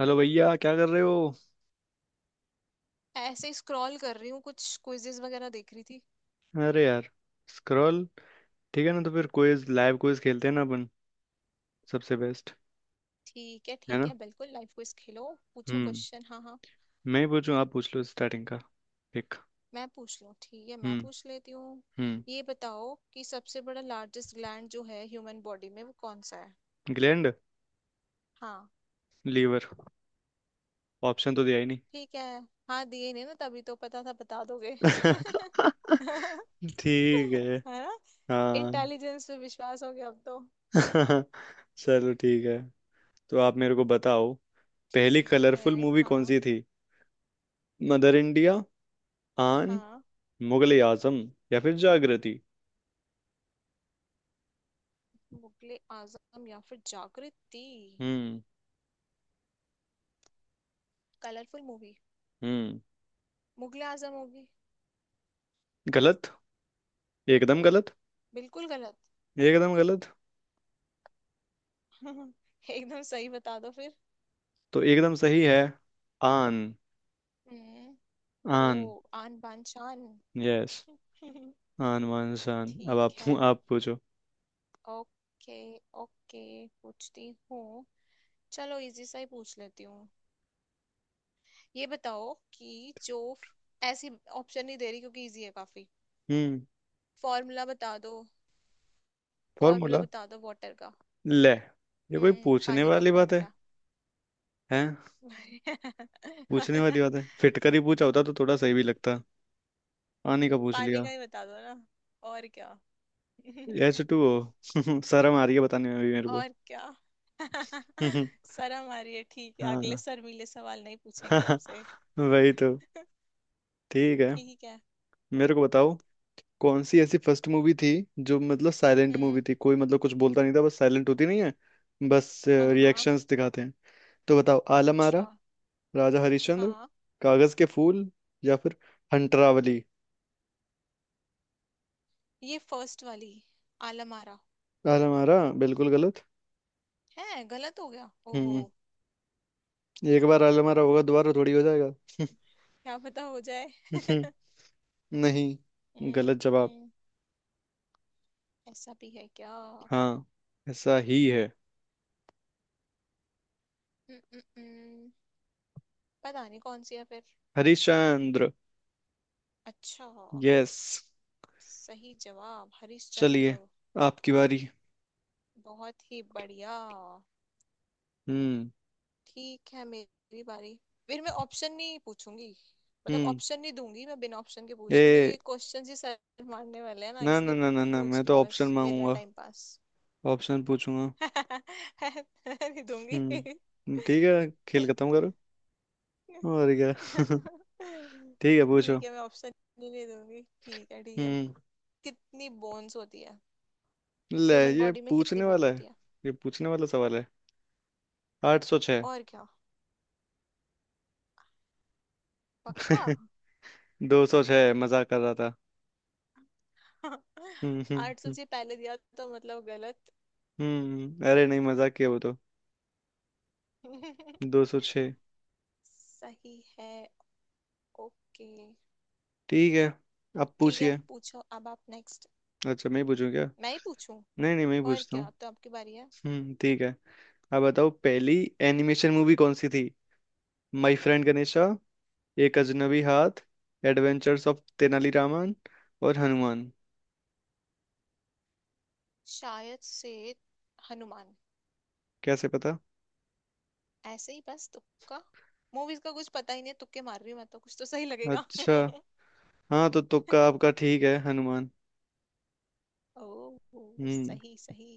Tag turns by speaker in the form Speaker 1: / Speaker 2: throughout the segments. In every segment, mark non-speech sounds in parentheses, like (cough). Speaker 1: Hello भैया, क्या कर रहे हो।
Speaker 2: ऐसे ही स्क्रॉल कर रही हूँ, कुछ क्विजेस वगैरह देख रही थी।
Speaker 1: अरे यार, स्क्रॉल। ठीक है ना, तो फिर क्विज, लाइव क्विज खेलते हैं ना अपन। सबसे बेस्ट
Speaker 2: ठीक है।
Speaker 1: है
Speaker 2: ठीक
Speaker 1: ना।
Speaker 2: है, बिल्कुल लाइफ क्विज खेलो। पूछो
Speaker 1: हम्म।
Speaker 2: क्वेश्चन। हाँ, हाँ।
Speaker 1: मैं ही पूछूं, आप पूछ लो स्टार्टिंग का एक।
Speaker 2: मैं पूछ लूँ? ठीक है, मैं
Speaker 1: हम्म।
Speaker 2: पूछ लेती हूँ।
Speaker 1: हम्म।
Speaker 2: ये बताओ कि सबसे बड़ा लार्जेस्ट ग्लैंड जो है ह्यूमन बॉडी में, वो कौन सा है?
Speaker 1: ग्लैंड
Speaker 2: हाँ।
Speaker 1: लीवर। ऑप्शन तो दिया ही नहीं।
Speaker 2: ठीक है। हाँ, दिए नहीं ना, तभी तो पता था बता दोगे। (laughs)
Speaker 1: (laughs) ठीक है।
Speaker 2: है ना।
Speaker 1: हाँ।
Speaker 2: इंटेलिजेंस पे विश्वास हो गया अब तो।
Speaker 1: (laughs) चलो ठीक है। तो आप मेरे को बताओ, पहली
Speaker 2: ठीक है।
Speaker 1: कलरफुल मूवी कौन
Speaker 2: हाँ,
Speaker 1: सी थी। मदर इंडिया, आन,
Speaker 2: हाँ।
Speaker 1: मुगले आजम या फिर जागृति।
Speaker 2: मुगले आजम या फिर जागृति।
Speaker 1: हम्म।
Speaker 2: Colourful movie.
Speaker 1: हम्म।
Speaker 2: मुगले आजम होगी।
Speaker 1: गलत, एकदम गलत।
Speaker 2: बिल्कुल गलत।
Speaker 1: एकदम गलत।
Speaker 2: (laughs) एकदम सही बता दो फिर।
Speaker 1: तो एकदम सही है। आन।
Speaker 2: हम्म। ओ।
Speaker 1: आन।
Speaker 2: आन बान शान।
Speaker 1: यस।
Speaker 2: (laughs)
Speaker 1: आन मान शान। अब
Speaker 2: ठीक
Speaker 1: आप
Speaker 2: है।
Speaker 1: आप पूछो।
Speaker 2: ओके। ओके। पूछती हूँ। चलो, इजी सा ही पूछ लेती हूँ। ये बताओ कि जो ऐसी, ऑप्शन नहीं दे रही क्योंकि इजी है काफी।
Speaker 1: हम्म।
Speaker 2: फॉर्मूला बता दो। Formula
Speaker 1: formula?
Speaker 2: बता दो वाटर का।
Speaker 1: ले, ये कोई पूछने
Speaker 2: पानी का
Speaker 1: वाली बात है।
Speaker 2: फॉर्मूला।
Speaker 1: हैं? पूछने वाली बात
Speaker 2: (laughs)
Speaker 1: है, फिटकर ही पूछा होता तो थोड़ा सही भी लगता। आने का पूछ
Speaker 2: पानी
Speaker 1: लिया।
Speaker 2: का ही बता दो ना। और क्या। (laughs)
Speaker 1: H2O। (laughs) शर्म आ रही है बताने में भी मेरे को।
Speaker 2: और क्या। (laughs)
Speaker 1: (laughs)
Speaker 2: शर्म आ रही है, ठीक है, अगले
Speaker 1: हाँ।
Speaker 2: शर्मीले सवाल नहीं पूछेंगे
Speaker 1: (laughs)
Speaker 2: आपसे।
Speaker 1: वही तो।
Speaker 2: (laughs)
Speaker 1: ठीक है,
Speaker 2: ठीक है।
Speaker 1: मेरे को बताओ। कौन सी ऐसी फर्स्ट मूवी थी जो मतलब साइलेंट मूवी
Speaker 2: हम्म।
Speaker 1: थी, कोई मतलब कुछ बोलता नहीं था, बस साइलेंट होती नहीं है, बस
Speaker 2: हाँ, हाँ।
Speaker 1: रिएक्शंस दिखाते हैं। तो बताओ, आलम आरा,
Speaker 2: अच्छा।
Speaker 1: राजा हरिश्चंद्र,
Speaker 2: हाँ।
Speaker 1: कागज के फूल या फिर हंटरावली।
Speaker 2: ये फर्स्ट वाली। आलमारा।
Speaker 1: आलम आरा बिल्कुल गलत।
Speaker 2: है? गलत हो गया। ओहो।
Speaker 1: हम्म। एक बार आलम आरा होगा, दोबारा थोड़ी हो जाएगा।
Speaker 2: क्या पता हो जाए।
Speaker 1: (laughs) नहीं,
Speaker 2: हम्म।
Speaker 1: गलत जवाब।
Speaker 2: हम्म। ऐसा भी है क्या? हम्म।
Speaker 1: हाँ, ऐसा ही है।
Speaker 2: हम्म। हम्म। पता नहीं कौन सी है फिर।
Speaker 1: हरिश्चंद्र।
Speaker 2: अच्छा।
Speaker 1: यस।
Speaker 2: सही जवाब
Speaker 1: चलिए
Speaker 2: हरिश्चंद्र।
Speaker 1: आपकी बारी।
Speaker 2: बहुत ही बढ़िया।
Speaker 1: हम्म।
Speaker 2: ठीक है, मेरी बारी। फिर मैं ऑप्शन नहीं पूछूंगी, मतलब
Speaker 1: हम्म।
Speaker 2: ऑप्शन नहीं दूंगी। मैं बिना ऑप्शन के पूछ रही हूँ
Speaker 1: ए,
Speaker 2: क्योंकि क्वेश्चन ही सर मारने वाले हैं ना,
Speaker 1: ना ना
Speaker 2: इसलिए
Speaker 1: ना ना ना,
Speaker 2: पूछ
Speaker 1: मैं
Speaker 2: रही
Speaker 1: तो
Speaker 2: हूँ, बस
Speaker 1: ऑप्शन
Speaker 2: वेला
Speaker 1: मांगूंगा,
Speaker 2: टाइम पास।
Speaker 1: ऑप्शन पूछूंगा।
Speaker 2: (laughs) नहीं दूंगी।
Speaker 1: ठीक है, खेल खत्म
Speaker 2: (laughs)
Speaker 1: करो, और क्या। (laughs) ठीक है, पूछो।
Speaker 2: ठीक है, मैं ऑप्शन ही नहीं दूंगी। ठीक है। ठीक है।
Speaker 1: हम्म।
Speaker 2: कितनी बोन्स होती है?
Speaker 1: ले,
Speaker 2: ह्यूमन
Speaker 1: ये
Speaker 2: बॉडी में कितनी
Speaker 1: पूछने
Speaker 2: बोन
Speaker 1: वाला है।
Speaker 2: होती है?
Speaker 1: ये पूछने वाला सवाल है। 806।
Speaker 2: और क्या। पक्का?
Speaker 1: (laughs) 206, मजाक कर रहा था।
Speaker 2: (laughs) 800
Speaker 1: हम्म।
Speaker 2: जी पहले दिया, तो मतलब गलत।
Speaker 1: अरे नहीं मजाक किया वो तो।
Speaker 2: (laughs)
Speaker 1: 206।
Speaker 2: सही है। ओके।
Speaker 1: ठीक है, अब
Speaker 2: ठीक है,
Speaker 1: पूछिए।
Speaker 2: पूछो अब आप। नेक्स्ट।
Speaker 1: अच्छा, मैं ही पूछूं क्या।
Speaker 2: मैं ही पूछूं?
Speaker 1: नहीं नहीं मैं ही
Speaker 2: और
Speaker 1: पूछता
Speaker 2: क्या,
Speaker 1: हूँ।
Speaker 2: अब तो आपकी बारी है।
Speaker 1: ठीक है। अब बताओ, पहली एनिमेशन मूवी कौन सी थी। माई फ्रेंड गणेशा, एक अजनबी हाथ, एडवेंचर्स ऑफ तेनालीरामन और हनुमान।
Speaker 2: शायद से हनुमान।
Speaker 1: कैसे पता?
Speaker 2: ऐसे ही बस तुक्का। मूवीज का कुछ पता ही नहीं है, तुक्के मार रही हूं मैं तो कुछ तो सही लगेगा।
Speaker 1: अच्छा।
Speaker 2: (laughs)
Speaker 1: हाँ तो तुक्का आपका ठीक है, हनुमान।
Speaker 2: ओ।
Speaker 1: हम्म।
Speaker 2: सही, सही।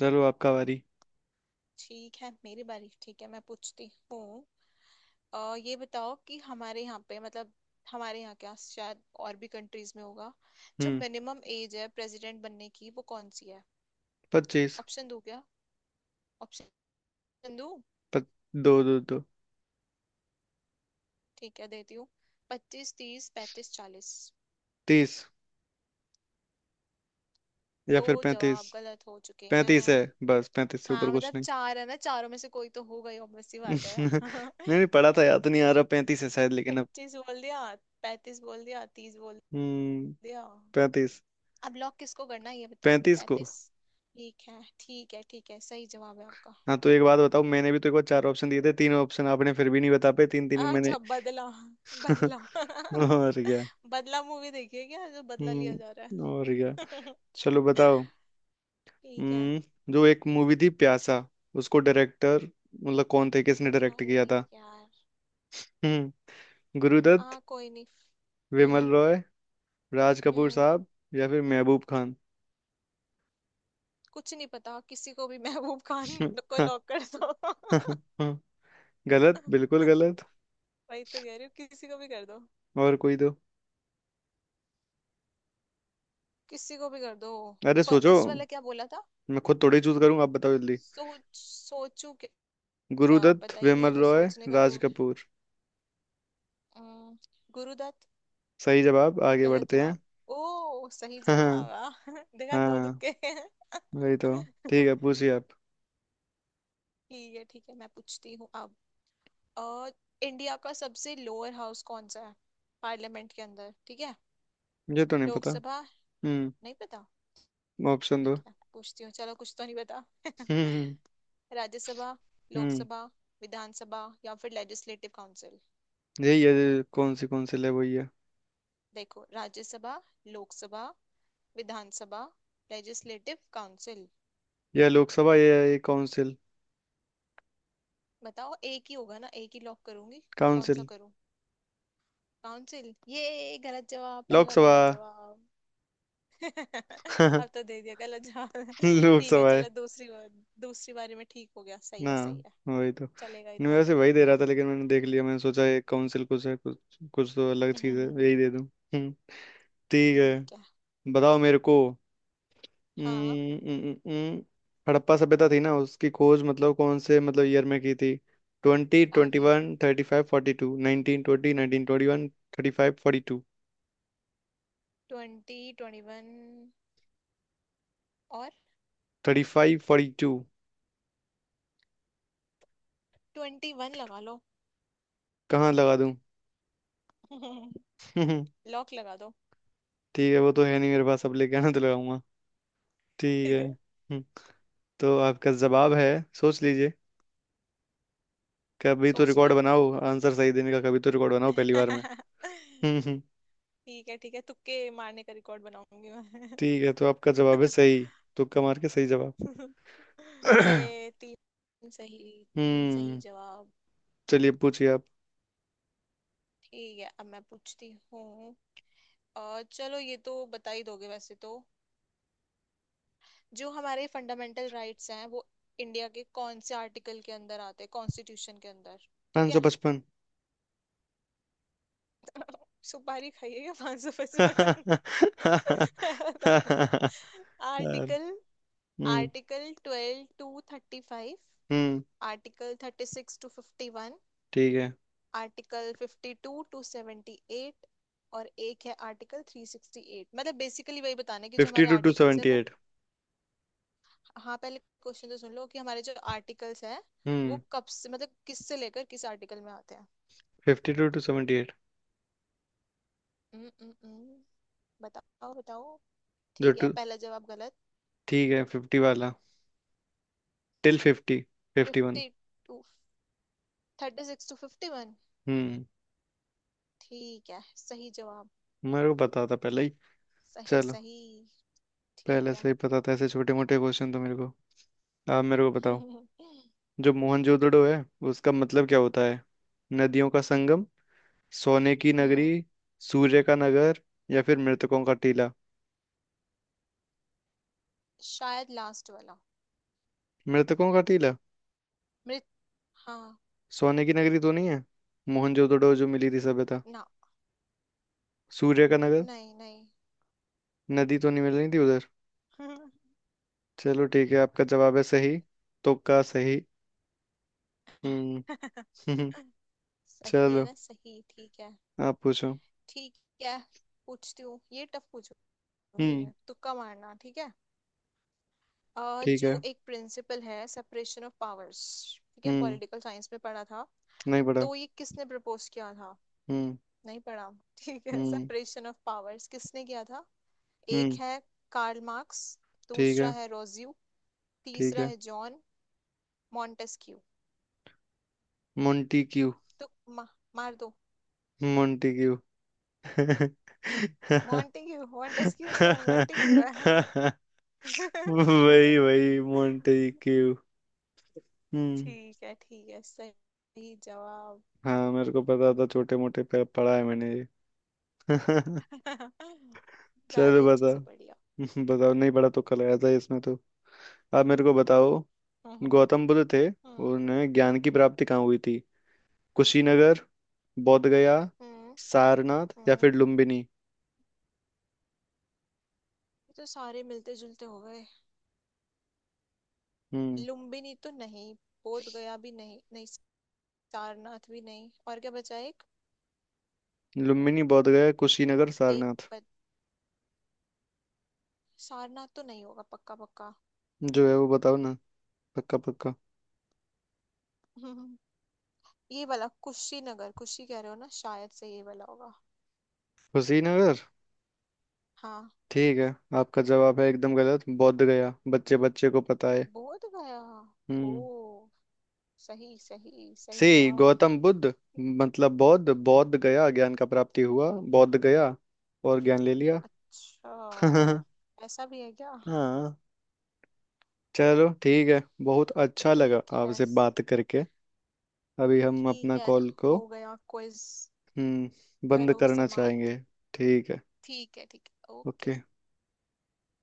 Speaker 1: चलो आपका बारी।
Speaker 2: ठीक है, मेरी बारी। ठीक है, मैं पूछती हूँ। ये बताओ कि हमारे यहाँ पे मतलब, हमारे यहाँ क्या, शायद और भी कंट्रीज में होगा, जो
Speaker 1: हम्म।
Speaker 2: मिनिमम एज है प्रेसिडेंट बनने की, वो कौन सी है?
Speaker 1: 25।
Speaker 2: ऑप्शन दो क्या? ऑप्शन दो।
Speaker 1: पच, दो दो दो।
Speaker 2: ठीक है, देती हूँ। 25, 30, 35, 40।
Speaker 1: 30 या
Speaker 2: दो
Speaker 1: फिर 35।
Speaker 2: जवाब गलत हो चुके
Speaker 1: 35 है,
Speaker 2: हैं।
Speaker 1: बस 35 से ऊपर
Speaker 2: हाँ,
Speaker 1: कुछ
Speaker 2: मतलब
Speaker 1: नहीं।
Speaker 2: चार है ना, चारों में से कोई तो होगा ही obvious सी
Speaker 1: (laughs)
Speaker 2: बात है।
Speaker 1: नहीं नहीं, पढ़ा था,
Speaker 2: (laughs)
Speaker 1: याद तो नहीं आ रहा, 35 है शायद, लेकिन अब।
Speaker 2: 25 बोल दिया, 35 बोल दिया, 30 बोल
Speaker 1: हम्म।
Speaker 2: दिया।
Speaker 1: 35।
Speaker 2: अब लॉक किसको करना है, ये बताओ।
Speaker 1: पैंतीस को।
Speaker 2: 35? ठीक है, ठीक है, ठीक है, सही जवाब है आपका।
Speaker 1: हाँ तो एक बात बताओ, मैंने भी तो एक बार 4 ऑप्शन दिए थे, 3 ऑप्शन आपने फिर भी नहीं बता पाए, तीन तीन मैंने।
Speaker 2: अच्छा, बदला। बदला।
Speaker 1: (laughs) और क्या।
Speaker 2: (laughs) बदला मूवी देखिए क्या, जो बदला लिया जा रहा
Speaker 1: और क्या।
Speaker 2: है।
Speaker 1: चलो बताओ।
Speaker 2: (laughs) ठीक है।
Speaker 1: हम्म। जो एक मूवी थी प्यासा, उसको डायरेक्टर मतलब कौन थे, किसने डायरेक्ट
Speaker 2: अरे
Speaker 1: किया था।
Speaker 2: यार।
Speaker 1: हम्म। गुरुदत्त,
Speaker 2: हाँ, कोई नहीं।
Speaker 1: विमल
Speaker 2: हम्म।
Speaker 1: रॉय, राज कपूर
Speaker 2: हम्म।
Speaker 1: साहब या फिर महबूब खान।
Speaker 2: कुछ नहीं पता किसी को भी। (laughs) महबूब खान को
Speaker 1: (laughs)
Speaker 2: लॉक कर दो।
Speaker 1: गलत, बिल्कुल
Speaker 2: (laughs)
Speaker 1: गलत।
Speaker 2: वही तो कह रही हूँ, किसी को भी कर दो।
Speaker 1: और कोई दो।
Speaker 2: किसी को भी कर दो।
Speaker 1: अरे सोचो।
Speaker 2: फर्स्ट वाला क्या बोला था?
Speaker 1: मैं खुद थोड़ी चूज करूँ, आप बताओ जल्दी।
Speaker 2: सोच, सोचू। क्या,
Speaker 1: गुरुदत्त,
Speaker 2: पता ही नहीं है
Speaker 1: विमल
Speaker 2: तो
Speaker 1: रॉय,
Speaker 2: सोचने का तो।
Speaker 1: राज कपूर।
Speaker 2: अम, गुरुदत्त।
Speaker 1: सही जवाब, आगे
Speaker 2: गलत
Speaker 1: बढ़ते हैं।
Speaker 2: जवाब। ओ सही
Speaker 1: (laughs) हाँ।
Speaker 2: जवाब। वाह। (laughs) देखा, दो
Speaker 1: हाँ।
Speaker 2: तुक्के। (laughs)
Speaker 1: वही तो। ठीक है पूछिए आप।
Speaker 2: ठीक है। ठीक है, मैं पूछती हूँ अब। अ, इंडिया का सबसे लोअर हाउस कौन सा है, पार्लियामेंट के अंदर? ठीक है।
Speaker 1: मुझे तो नहीं पता।
Speaker 2: लोकसभा।
Speaker 1: हम्म।
Speaker 2: नहीं पता?
Speaker 1: ऑप्शन दो।
Speaker 2: ठीक है, पूछती हूँ। चलो, कुछ तो नहीं पता।
Speaker 1: हम्म।
Speaker 2: (laughs) राज्यसभा,
Speaker 1: हम्म।
Speaker 2: लोकसभा, विधानसभा या फिर लेजिस्लेटिव काउंसिल।
Speaker 1: यही है, कौन सी कौंसिल है, वही है।
Speaker 2: देखो, राज्यसभा, लोकसभा, विधानसभा, लेजिस्लेटिव काउंसिल।
Speaker 1: यह लोकसभा, ये है ये काउंसिल।
Speaker 2: बताओ, एक ही होगा ना, एक ही लॉक करूंगी। कौन सा
Speaker 1: काउंसिल।
Speaker 2: करूं? काउंसिल? ये गलत जवाब, पहला
Speaker 1: लोकसभा।
Speaker 2: गलत जवाब। (laughs)
Speaker 1: (laughs)
Speaker 2: अब तो दे दिया गलत जवाब। (laughs) ठीक है,
Speaker 1: लोकसभा है
Speaker 2: चलो दूसरी बार। दूसरी बारी में ठीक हो गया। सही
Speaker 1: ना,
Speaker 2: है, सही है।
Speaker 1: वही तो,
Speaker 2: चलेगा
Speaker 1: नहीं,
Speaker 2: इतना
Speaker 1: वैसे
Speaker 2: तो।
Speaker 1: वही दे रहा था लेकिन मैंने देख लिया, मैंने सोचा ये काउंसिल कुछ है, कुछ कुछ तो अलग चीज है, यही
Speaker 2: (laughs)
Speaker 1: दे दूं। हम्म ठीक
Speaker 2: ठीक है।
Speaker 1: है। बताओ मेरे को।
Speaker 2: हाँ।
Speaker 1: हम्म। हड़प्पा सभ्यता थी ना, उसकी खोज मतलब कौन से मतलब ईयर में की थी। ट्वेंटी ट्वेंटी
Speaker 2: अरे,
Speaker 1: one thirty five forty to, 1920, 1921 thirty five.
Speaker 2: 2021। और
Speaker 1: थर्टी फाइव फोर्टी टू।
Speaker 2: 21 लगा लो।
Speaker 1: कहाँ लगा दूँ?
Speaker 2: (laughs)
Speaker 1: (laughs)
Speaker 2: लॉक लगा दो।
Speaker 1: ठीक है वो तो है नहीं मेरे पास, अब लेके आना तो लगाऊंगा। ठीक है।
Speaker 2: (laughs)
Speaker 1: हम्म। तो आपका जवाब है, सोच लीजिए। कभी तो
Speaker 2: सोच
Speaker 1: रिकॉर्ड
Speaker 2: लिया।
Speaker 1: बनाओ आंसर सही देने का, कभी तो रिकॉर्ड बनाओ पहली बार में।
Speaker 2: (laughs)
Speaker 1: हम्म।
Speaker 2: ठीक है, ठीक है, तुक्के मारने का रिकॉर्ड बनाऊंगी मैं।
Speaker 1: ठीक है, तो आपका जवाब है सही।
Speaker 2: (laughs)
Speaker 1: तुक्का मार के सही जवाब। (coughs)
Speaker 2: ये
Speaker 1: (clears throat)
Speaker 2: तीन सही, तीन सही
Speaker 1: हम्म।
Speaker 2: जवाब।
Speaker 1: चलिए पूछिए आप।
Speaker 2: ठीक है, अब मैं पूछती हूँ। चलो, ये तो बता ही दोगे वैसे तो। जो हमारे फंडामेंटल राइट्स हैं, वो इंडिया के कौन से आर्टिकल के अंदर आते हैं, कॉन्स्टिट्यूशन के अंदर? ठीक
Speaker 1: पाँच सौ
Speaker 2: है,
Speaker 1: पचपन
Speaker 2: सुपारी खाइएगा, 555
Speaker 1: (laughs) यार।
Speaker 2: Article.
Speaker 1: Hmm.
Speaker 2: Article 12 to 35,
Speaker 1: hmm
Speaker 2: article 36 to 51,
Speaker 1: ठीक है।
Speaker 2: आर्टिकल 52 टू 78, और एक है आर्टिकल 368। मतलब बेसिकली वही बताना है कि जो
Speaker 1: फिफ्टी
Speaker 2: हमारे
Speaker 1: टू टू
Speaker 2: आर्टिकल्स है
Speaker 1: सेवेंटी
Speaker 2: वो।
Speaker 1: एट
Speaker 2: हाँ, पहले क्वेश्चन तो सुन लो, कि हमारे जो आर्टिकल्स है
Speaker 1: हम्म।
Speaker 2: वो कब से, मतलब किस से लेकर किस आर्टिकल में आते हैं।
Speaker 1: 52 to 78।
Speaker 2: हम्म। हम्म। हम्म। बताओ, बताओ।
Speaker 1: जो
Speaker 2: ठीक है,
Speaker 1: टू,
Speaker 2: पहला जवाब गलत।
Speaker 1: ठीक है, फिफ्टी वाला, till fifty, 51।
Speaker 2: 52, 36 to fifty one.
Speaker 1: हम्म।
Speaker 2: ठीक है, सही जवाब।
Speaker 1: मेरे को पता था पहले ही।
Speaker 2: सही,
Speaker 1: चलो।
Speaker 2: सही। ठीक
Speaker 1: पहले से
Speaker 2: है।
Speaker 1: ही पता था, ऐसे छोटे मोटे क्वेश्चन तो मेरे को। आप मेरे को बताओ,
Speaker 2: (laughs)
Speaker 1: जो मोहनजोदड़ो है, उसका मतलब क्या होता है। नदियों का संगम, सोने की नगरी,
Speaker 2: हम्म
Speaker 1: सूर्य का नगर या फिर मृतकों का टीला।
Speaker 2: शायद लास्ट वाला।
Speaker 1: मृतकों का टीला?
Speaker 2: मृत। हाँ।
Speaker 1: सोने की नगरी तो नहीं है, मोहनजोदड़ो जो मिली थी सभ्यता।
Speaker 2: ना।
Speaker 1: सूर्य का नगर,
Speaker 2: नहीं, नहीं।
Speaker 1: नदी तो नहीं मिल रही थी उधर।
Speaker 2: (laughs)
Speaker 1: चलो ठीक है, आपका जवाब है सही। तुक्का सही। हम्म। (laughs)
Speaker 2: सही है
Speaker 1: चलो,
Speaker 2: ना, सही। ठीक है।
Speaker 1: आप पूछो।
Speaker 2: ठीक है, पूछती हूँ। ये टफ पूछूंगी,
Speaker 1: हम्म
Speaker 2: ये तुक्का मारना ठीक है।
Speaker 1: ठीक
Speaker 2: जो
Speaker 1: है।
Speaker 2: एक प्रिंसिपल है, सेपरेशन ऑफ पावर्स। ठीक है,
Speaker 1: हम्म।
Speaker 2: पॉलिटिकल साइंस में पढ़ा था।
Speaker 1: नहीं पढ़ा।
Speaker 2: तो ये किसने प्रपोज किया था?
Speaker 1: हम्म।
Speaker 2: नहीं पढ़ा? (laughs) ठीक है,
Speaker 1: हम्म।
Speaker 2: सेपरेशन ऑफ पावर्स किसने किया था? एक
Speaker 1: हम्म
Speaker 2: है कार्ल मार्क्स,
Speaker 1: ठीक
Speaker 2: दूसरा
Speaker 1: है।
Speaker 2: है रोज्यू,
Speaker 1: ठीक
Speaker 2: तीसरा
Speaker 1: है
Speaker 2: है जॉन मॉन्टेस्क्यू।
Speaker 1: Montesquieu.
Speaker 2: तो मा, मार दो
Speaker 1: मोंटी क्यू।
Speaker 2: मॉन्टेग्यू। मॉन्टेस्क्यू नहीं है, मॉन्टेग्यू है। (laughs)
Speaker 1: वही वही, मोंटी क्यू। हम्म।
Speaker 2: ठीक है, ठीक है, सही जवाब।
Speaker 1: हाँ मेरे को पता था, छोटे मोटे पे पढ़ा है मैंने ये। (laughs)
Speaker 2: (laughs)
Speaker 1: चलो
Speaker 2: ज्यादा अच्छे
Speaker 1: बताओ।
Speaker 2: से पढ़िया।
Speaker 1: बताओ, नहीं पढ़ा तो, कल आया था इसमें तो। आप मेरे को बताओ।
Speaker 2: हम्म।
Speaker 1: गौतम
Speaker 2: (laughs)
Speaker 1: बुद्ध थे,
Speaker 2: हम्म,
Speaker 1: उन्हें ज्ञान की प्राप्ति कहाँ हुई थी। कुशीनगर, बोध गया,
Speaker 2: हम्म,
Speaker 1: सारनाथ या
Speaker 2: हम्म।
Speaker 1: फिर लुम्बिनी।
Speaker 2: ये तो सारे मिलते जुलते हो गए।
Speaker 1: हम्म।
Speaker 2: लुम्बिनी तो नहीं। बोध गया भी नहीं, नहीं। सारनाथ भी नहीं। और क्या बचा? एक,
Speaker 1: लुम्बिनी, बोध गया, कुशीनगर,
Speaker 2: एक।
Speaker 1: सारनाथ।
Speaker 2: सारनाथ तो नहीं होगा पक्का, पक्का।
Speaker 1: जो है वो बताओ ना। पक्का पक्का?
Speaker 2: (laughs) ये वाला कुशीनगर। कुशी कह रहे हो ना, शायद से ये वाला होगा।
Speaker 1: कुशीनगर?
Speaker 2: हाँ।
Speaker 1: ठीक है, आपका जवाब है एकदम गलत, बोध गया, बच्चे बच्चे को पता है।
Speaker 2: बोध गया?
Speaker 1: हम्म।
Speaker 2: ओ सही, सही, सही
Speaker 1: सी
Speaker 2: जवाब।
Speaker 1: गौतम बुद्ध, मतलब बौद्ध, बौद्ध गया ज्ञान का प्राप्ति हुआ, बौद्ध गया और ज्ञान ले लिया। (laughs)
Speaker 2: अच्छा,
Speaker 1: हाँ।
Speaker 2: ऐसा भी है क्या?
Speaker 1: चलो ठीक है, बहुत अच्छा लगा
Speaker 2: ठीक है।
Speaker 1: आपसे बात करके। अभी हम
Speaker 2: ठीक
Speaker 1: अपना
Speaker 2: है,
Speaker 1: कॉल को,
Speaker 2: हो गया क्विज।
Speaker 1: हम्म, बंद
Speaker 2: करो
Speaker 1: करना
Speaker 2: समाप्त।
Speaker 1: चाहेंगे। ठीक है।
Speaker 2: ठीक है। ठीक है। ओके।
Speaker 1: ओके।